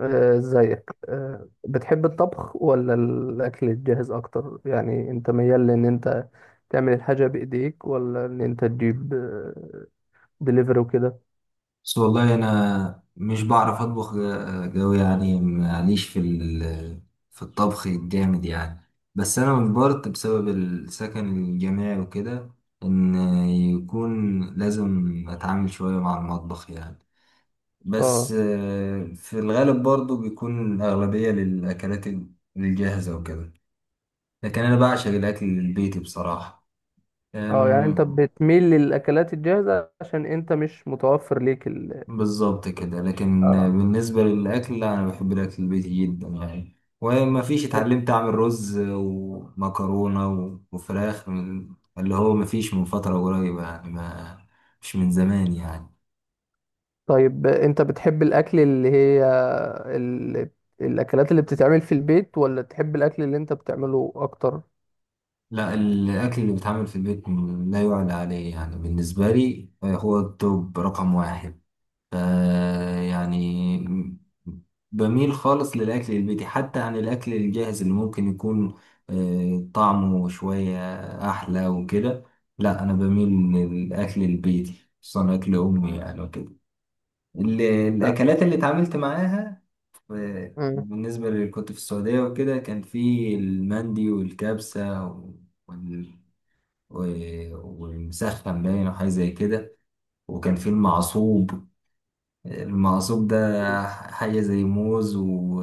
ازيك؟ بتحب الطبخ ولا الاكل الجاهز اكتر؟ يعني انت ميال لان انت تعمل الحاجه بايديك ولا ان انت تجيب دليفري وكده؟ بس والله انا مش بعرف اطبخ قوي يعني، معليش. في الطبخ الجامد يعني. بس انا مجبرت بسبب السكن الجامعي وكده، ان يكون لازم اتعامل شوية مع المطبخ يعني. بس اه، في الغالب برضو بيكون الاغلبية للاكلات الجاهزة وكده. لكن انا بعشق الاكل البيتي بصراحة. اه. يعني انت بتميل للاكلات الجاهزه عشان انت مش متوفر ليك بالظبط كده، لكن اه. بالنسبة للأكل، لا، أنا بحب الأكل البيتي جدا يعني، وما فيش اتعلمت أعمل رز ومكرونة وفراخ من اللي هو، ما فيش من فترة قريبة يعني. ما مش من زمان يعني. طيب، انت بتحب الاكل اللي هي ال... الاكلات اللي بتتعمل في البيت، ولا تحب الاكل اللي انت بتعمله اكتر؟ لا، الأكل اللي بيتعمل في البيت لا يعلى عليه يعني، بالنسبة لي هو التوب رقم واحد. ف- يعني بميل خالص للأكل البيتي، حتى عن الأكل الجاهز اللي ممكن يكون طعمه شوية أحلى وكده. لا، أنا بميل للأكل البيتي، خصوصا أكل أمي يعني وكده. لا. الأكلات اللي اتعاملت معاها، مم. بالنسبة اللي كنت في السعودية وكده، كان في المندي والكبسة وال- و- والمسخن باين، وحاجة زي كده. وكان في المعصوب. المقصوب ده حاجة زي موز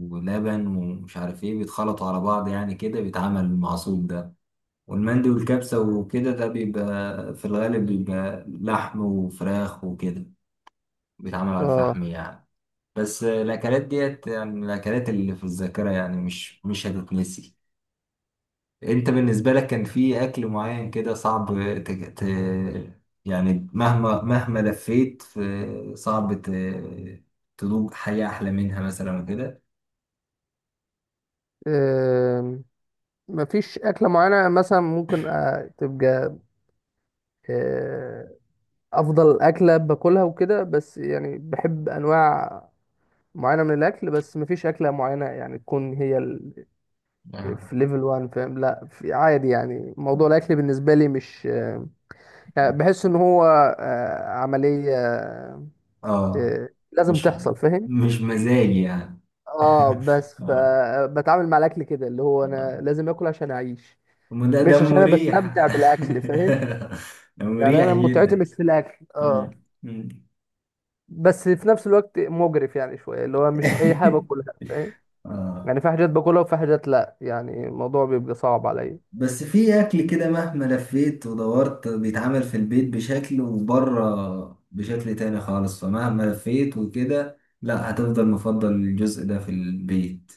ولبن ومش عارف ايه، بيتخلطوا على بعض يعني، كده بيتعمل المعصوب ده. والمندي والكبسة وكده، ده بيبقى في الغالب، بيبقى لحم وفراخ وكده، بيتعمل على اه. الفحم يعني. بس الأكلات ديت يعني، الأكلات اللي في الذاكرة يعني مش هتتنسي. انت بالنسبة لك كان في اكل معين كده صعب ت... ت... يعني مهما لفيت في، صعب تدوق حياة احلى منها مثلا وكده. مفيش أكلة معينة مثلا ممكن تبقى آه، أفضل أكلة باكلها وكده، بس يعني بحب أنواع معينة من الأكل. بس مفيش أكلة معينة يعني تكون هي آه. في ليفل 1، فاهم؟ لا، في عادي. يعني موضوع الأكل بالنسبة لي مش يعني بحس إن هو عملية، اه، لازم مش تحصل، فاهم؟ مش مزاجي يعني. اه. بس اه، فبتعامل مع الأكل كده، اللي هو اه، أنا لازم آكل عشان أعيش، أما ده مش عشان أنا مريح. بستمتع بالأكل، فاهم؟ ده يعني مريح انا متعتي جدا. مش في الاكل، اه. مم. مم. بس في نفس الوقت مجرف يعني شويه، اللي هو مش اي حاجه باكلها، فاهم؟ اه. يعني في حاجات باكلها وفي حاجات لا. يعني الموضوع بيبقى صعب عليا. بس في اكل كده، مهما لفيت ودورت، بيتعمل في البيت بشكل وبره بشكل تاني خالص، فمهما لفيت وكده، لا، هتفضل مفضل الجزء ده في البيت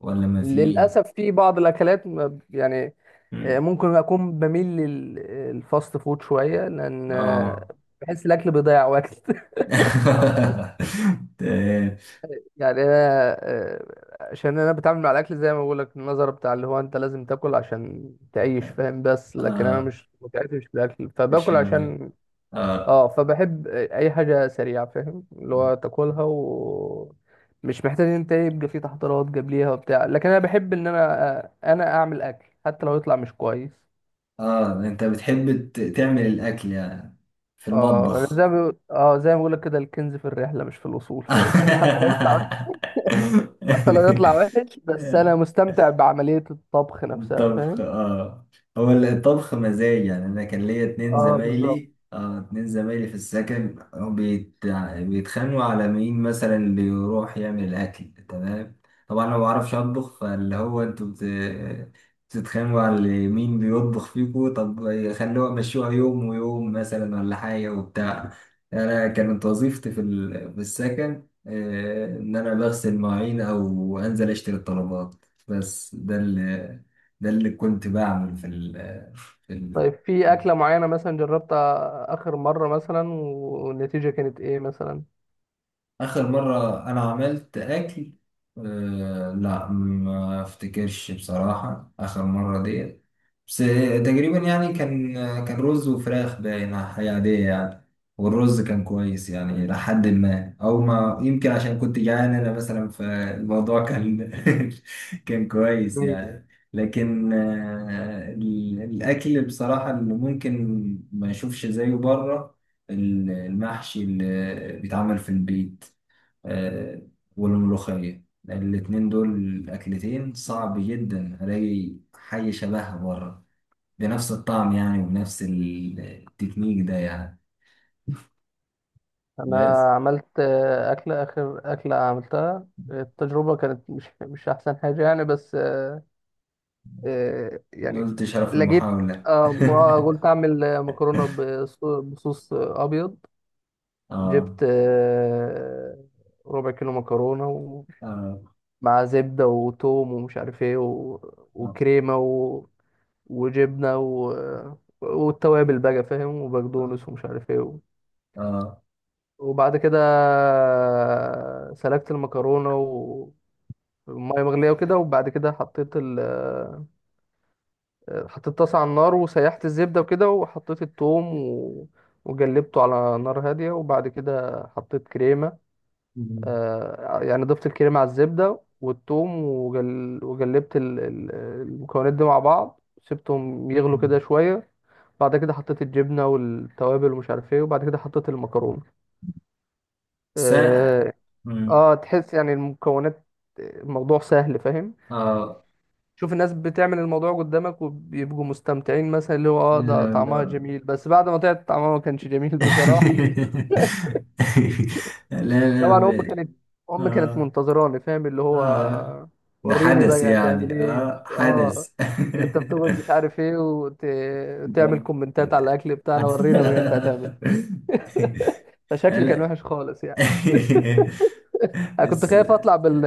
ولا ما في. للاسف في بعض الاكلات يعني، مم. ممكن اكون بميل للفاست فود شويه، لان اه. بحس الاكل بيضيع وقت. تمام. يعني انا، عشان انا بتعامل مع الاكل زي ما بقول لك، النظره بتاع اللي هو انت لازم تاكل عشان تعيش، فاهم؟ بس لكن انا اه. مش متعتي مش في الاكل، مش فباكل مهم. عشان، اه، اه. فبحب اي حاجه سريعه، فاهم؟ اللي هو تاكلها و مش محتاج ان انت يبقى في تحضيرات جاب ليها وبتاع. لكن انا بحب ان انا اعمل اكل حتى لو يطلع مش كويس. اه، انت بتحب تعمل الاكل يعني، في اه. انا المطبخ. زي ما بقول لك كده، الكنز في الرحله مش في الوصول، فاهم؟ حتى لو يطلع وحش، بس انا مستمتع بعمليه الطبخ نفسها، الطبخ. فاهم؟ اه، هو الطبخ مزاج يعني. انا كان ليا اتنين اه بالظبط. زمايلي، في السكن. بيتخانقوا على مين مثلا اللي يروح يعمل الاكل. تمام، طبعا انا ما بعرفش اطبخ، فاللي هو انتوا بتتخانقوا على مين بيطبخ فيكوا؟ طب خلوها مشوها يوم ويوم مثلا، ولا حاجة وبتاع. انا كانت وظيفتي في السكن ان انا بغسل مواعين او انزل اشتري الطلبات. بس ده اللي كنت بعمل في ال في ال طيب، في اكله معينه مثلا جربتها اخر مره مثلا والنتيجه كانت ايه مثلا؟ آخر مرة أنا عملت أكل. أه، لا ما أفتكرش بصراحة آخر مرة ديت. بس تقريبا يعني، كان رز وفراخ باينة، حاجة عادية يعني. والرز كان كويس يعني، إلى حد ما، أو ما يمكن عشان كنت جعان أنا مثلا، فالموضوع كان كان كويس يعني. لكن الأكل بصراحة اللي ممكن ما أشوفش زيه بره، المحشي اللي بيتعمل في البيت آه، والملوخية. الاتنين دول أكلتين صعب جدا ألاقي حاجة شبهها بره، بنفس الطعم يعني، وبنفس التكنيك ده يعني. انا بس عملت اكله، اخر اكله عملتها التجربه كانت مش احسن حاجه يعني، بس يعني نلت شرف لقيت، المحاولة. ما قلت اعمل مكرونه بصوص ابيض. آه. جبت ربع كيلو مكرونه آه. مع زبده وتوم ومش عارف ايه، آه. وكريمه، وجبنه، والتوابل بقى، فاهم؟ آه. وبقدونس ومش عارف ايه. آه. وبعد كده سلقت المكرونة والمية مغلية وكده، وبعد كده حطيت طاسة على النار، وسيحت الزبدة وكده، وحطيت التوم وجلبته على نار هادية، وبعد كده حطيت كريمة. مم. يعني ضفت الكريمة على الزبدة والتوم، وجلبت المكونات دي مع بعض، سبتهم يغلوا كده شوية. بعد كده حطيت الجبنة والتوابل ومش عارف ايه، وبعد كده حطيت المكرونة. س آه، مم. اه تحس يعني المكونات، الموضوع سهل، فاهم؟ آه. شوف الناس بتعمل الموضوع قدامك وبيبقوا مستمتعين مثلا، اللي هو لا، ده طعمها لا. جميل، بس بعد ما طلعت طعمها ما كانش جميل. بصراحة. لا. لا، طبعا امي كانت آه. منتظراني، فاهم؟ اللي هو آه. ده وريني حدث بقى هتعمل يعني، ايه. آه اه. حدث. انت بتقعد مش عارف ايه وتعمل ده- كومنتات على الاكل بتاعنا، ورينا بقى انت هتعمل. فشكلي كان هلا. وحش خالص يعني. انا كنت بس. خايف اطلع بال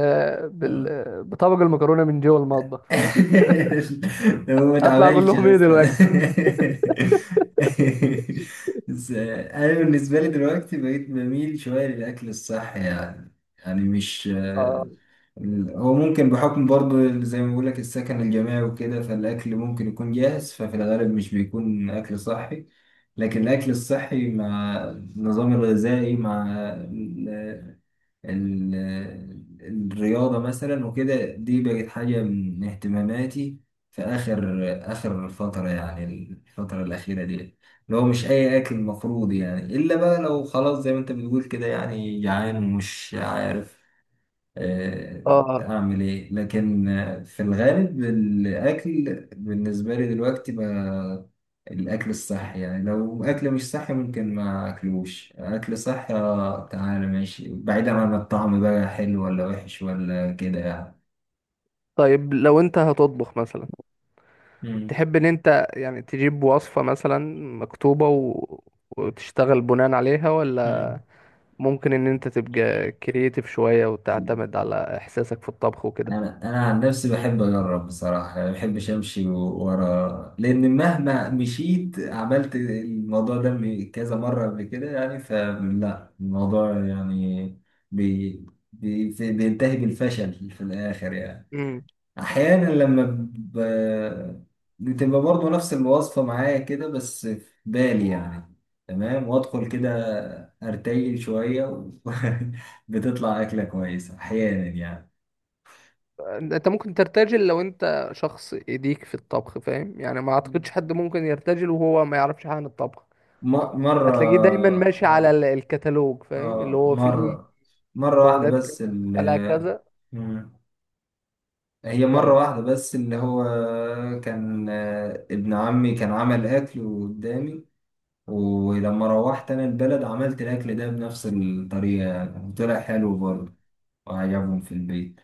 بال بطبق المكرونة من جوه المطبخ، فاهم؟ هو ما اطلع اقول اتعملش لهم ايه اصلا. دلوقتي. بس انا بالنسبه لي دلوقتي بقيت بميل شويه للاكل الصحي يعني. يعني مش. اه، هو ممكن بحكم برضو، زي ما بقولك، السكن الجامعي وكده، فالاكل ممكن يكون جاهز، ففي الغالب مش بيكون اكل صحي. لكن الاكل الصحي، مع النظام الغذائي، مع الرياضة مثلا وكده، دي بقت حاجة من اهتماماتي في آخر، فترة يعني، الفترة الأخيرة دي، اللي هو مش أي أكل المفروض يعني، إلا بقى لو خلاص زي ما أنت بتقول كده، يعني جعان ومش عارف آه، اه. اعمل ايه. لكن في الغالب، الاكل بالنسبه لي دلوقتي بقى الاكل الصحي يعني. لو اكل مش صحي، ممكن ما اكلوش. اكل صحي تعالى ماشي، بعيدا عن الطعم بقى حلو ولا وحش ولا كده يعني. طيب لو انت هتطبخ مثلا، مم. تحب ان انت يعني تجيب وصفة مثلا مكتوبة وتشتغل بناء عليها، ولا ممكن ان انت تبقى كرييتيف شوية مم. وتعتمد على احساسك في الطبخ وكده؟ انا عن نفسي بحب اجرب بصراحه يعني، ما بحبش امشي ورا، لان مهما مشيت، عملت الموضوع ده كذا مره قبل كده يعني، فلا الموضوع يعني بي بينتهي بالفشل في الاخر يعني. امم احيانا لما ب... بتبقى برضه نفس الوصفه معايا كده، بس في بالي يعني، تمام، وادخل كده ارتجل شويه بتطلع اكله كويسه احيانا يعني. انت ممكن ترتجل لو انت شخص ايديك في الطبخ، فاهم؟ يعني ما اعتقدش حد ممكن يرتجل وهو ما يعرفش حاجة عن الطبخ. م- مرة هتلاقيه دايما ماشي على آه الكتالوج، فاهم؟ اللي آه هو فيه مرة مرة واحدة مكونات كذا بس. ال تبقى لها كذا. مم. هي مرة كمل. واحدة بس، اللي هو كان ابن عمي كان عمل أكل قدامي، ولما روحت أنا البلد عملت الأكل ده بنفس الطريقة يعني، وطلع حلو برضه، وعجبهم في البيت.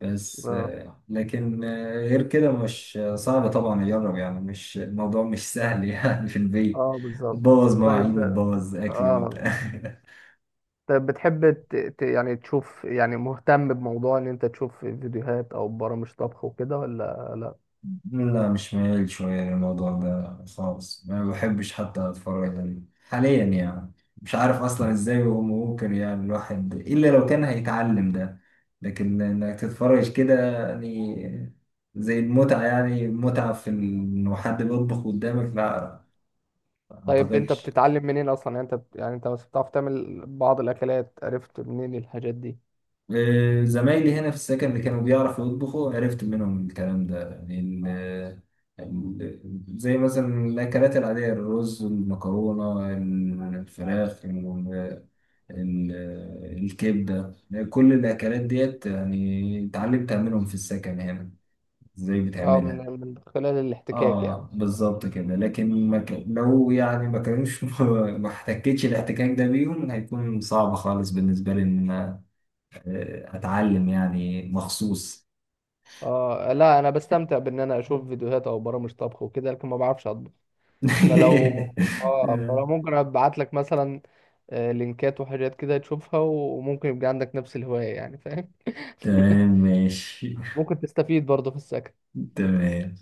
بس مم. لكن غير كده مش صعب طبعا أجرب يعني، مش الموضوع مش سهل يعني، في البيت اه بالظبط. بوظ مواعين طيب، وتبوظ أكل اه وبتاع. طيب، بتحب يعني تشوف، يعني مهتم بموضوع ان انت تشوف فيديوهات او برامج طبخ وكده ولا لا؟ لا، مش ميال شوية للموضوع ده خالص، ما بحبش حتى أتفرج عليه حاليا يعني. مش عارف أصلا إزاي هو ممكن يعني الواحد، إلا لو كان هيتعلم ده، لكن إنك تتفرج كده يعني، زي المتعة يعني، متعة في إنه حد بيطبخ قدامك، لا، ما طيب انت أعتقدش. بتتعلم منين اصلا؟ يعني انت يعني انت بس بتعرف تعمل بعض الاكلات، عرفت منين الحاجات دي؟ زمايلي هنا في السكن اللي كانوا بيعرفوا يطبخوا، عرفت منهم الكلام ده يعني. ال- زي مثلا الأكلات العادية، الرز، المكرونة، الفراخ، ال- الكبدة. كل الأكلات ديت يعني اتعلمت أعملهم في السكن هنا. ازاي اه، بتعملها؟ من خلال الاحتكاك يعني. اه، بالظبط كده. لكن ما ك... لو يعني ما كانوش ما احتكتش الاحتكاك ده بيهم، هيكون صعب خالص بالنسبة لي اتعلم يعني مخصوص. اه، لا، انا بستمتع بان انا اشوف فيديوهات او برامج طبخ وكده، لكن ما بعرفش اطبخ. فلو، اه، آه، فلو ممكن ابعت لك مثلا لينكات وحاجات كده تشوفها، وممكن يبقى عندك نفس الهواية، يعني فاهم. تمام ماشي. ممكن تستفيد برضه في السكن. تمام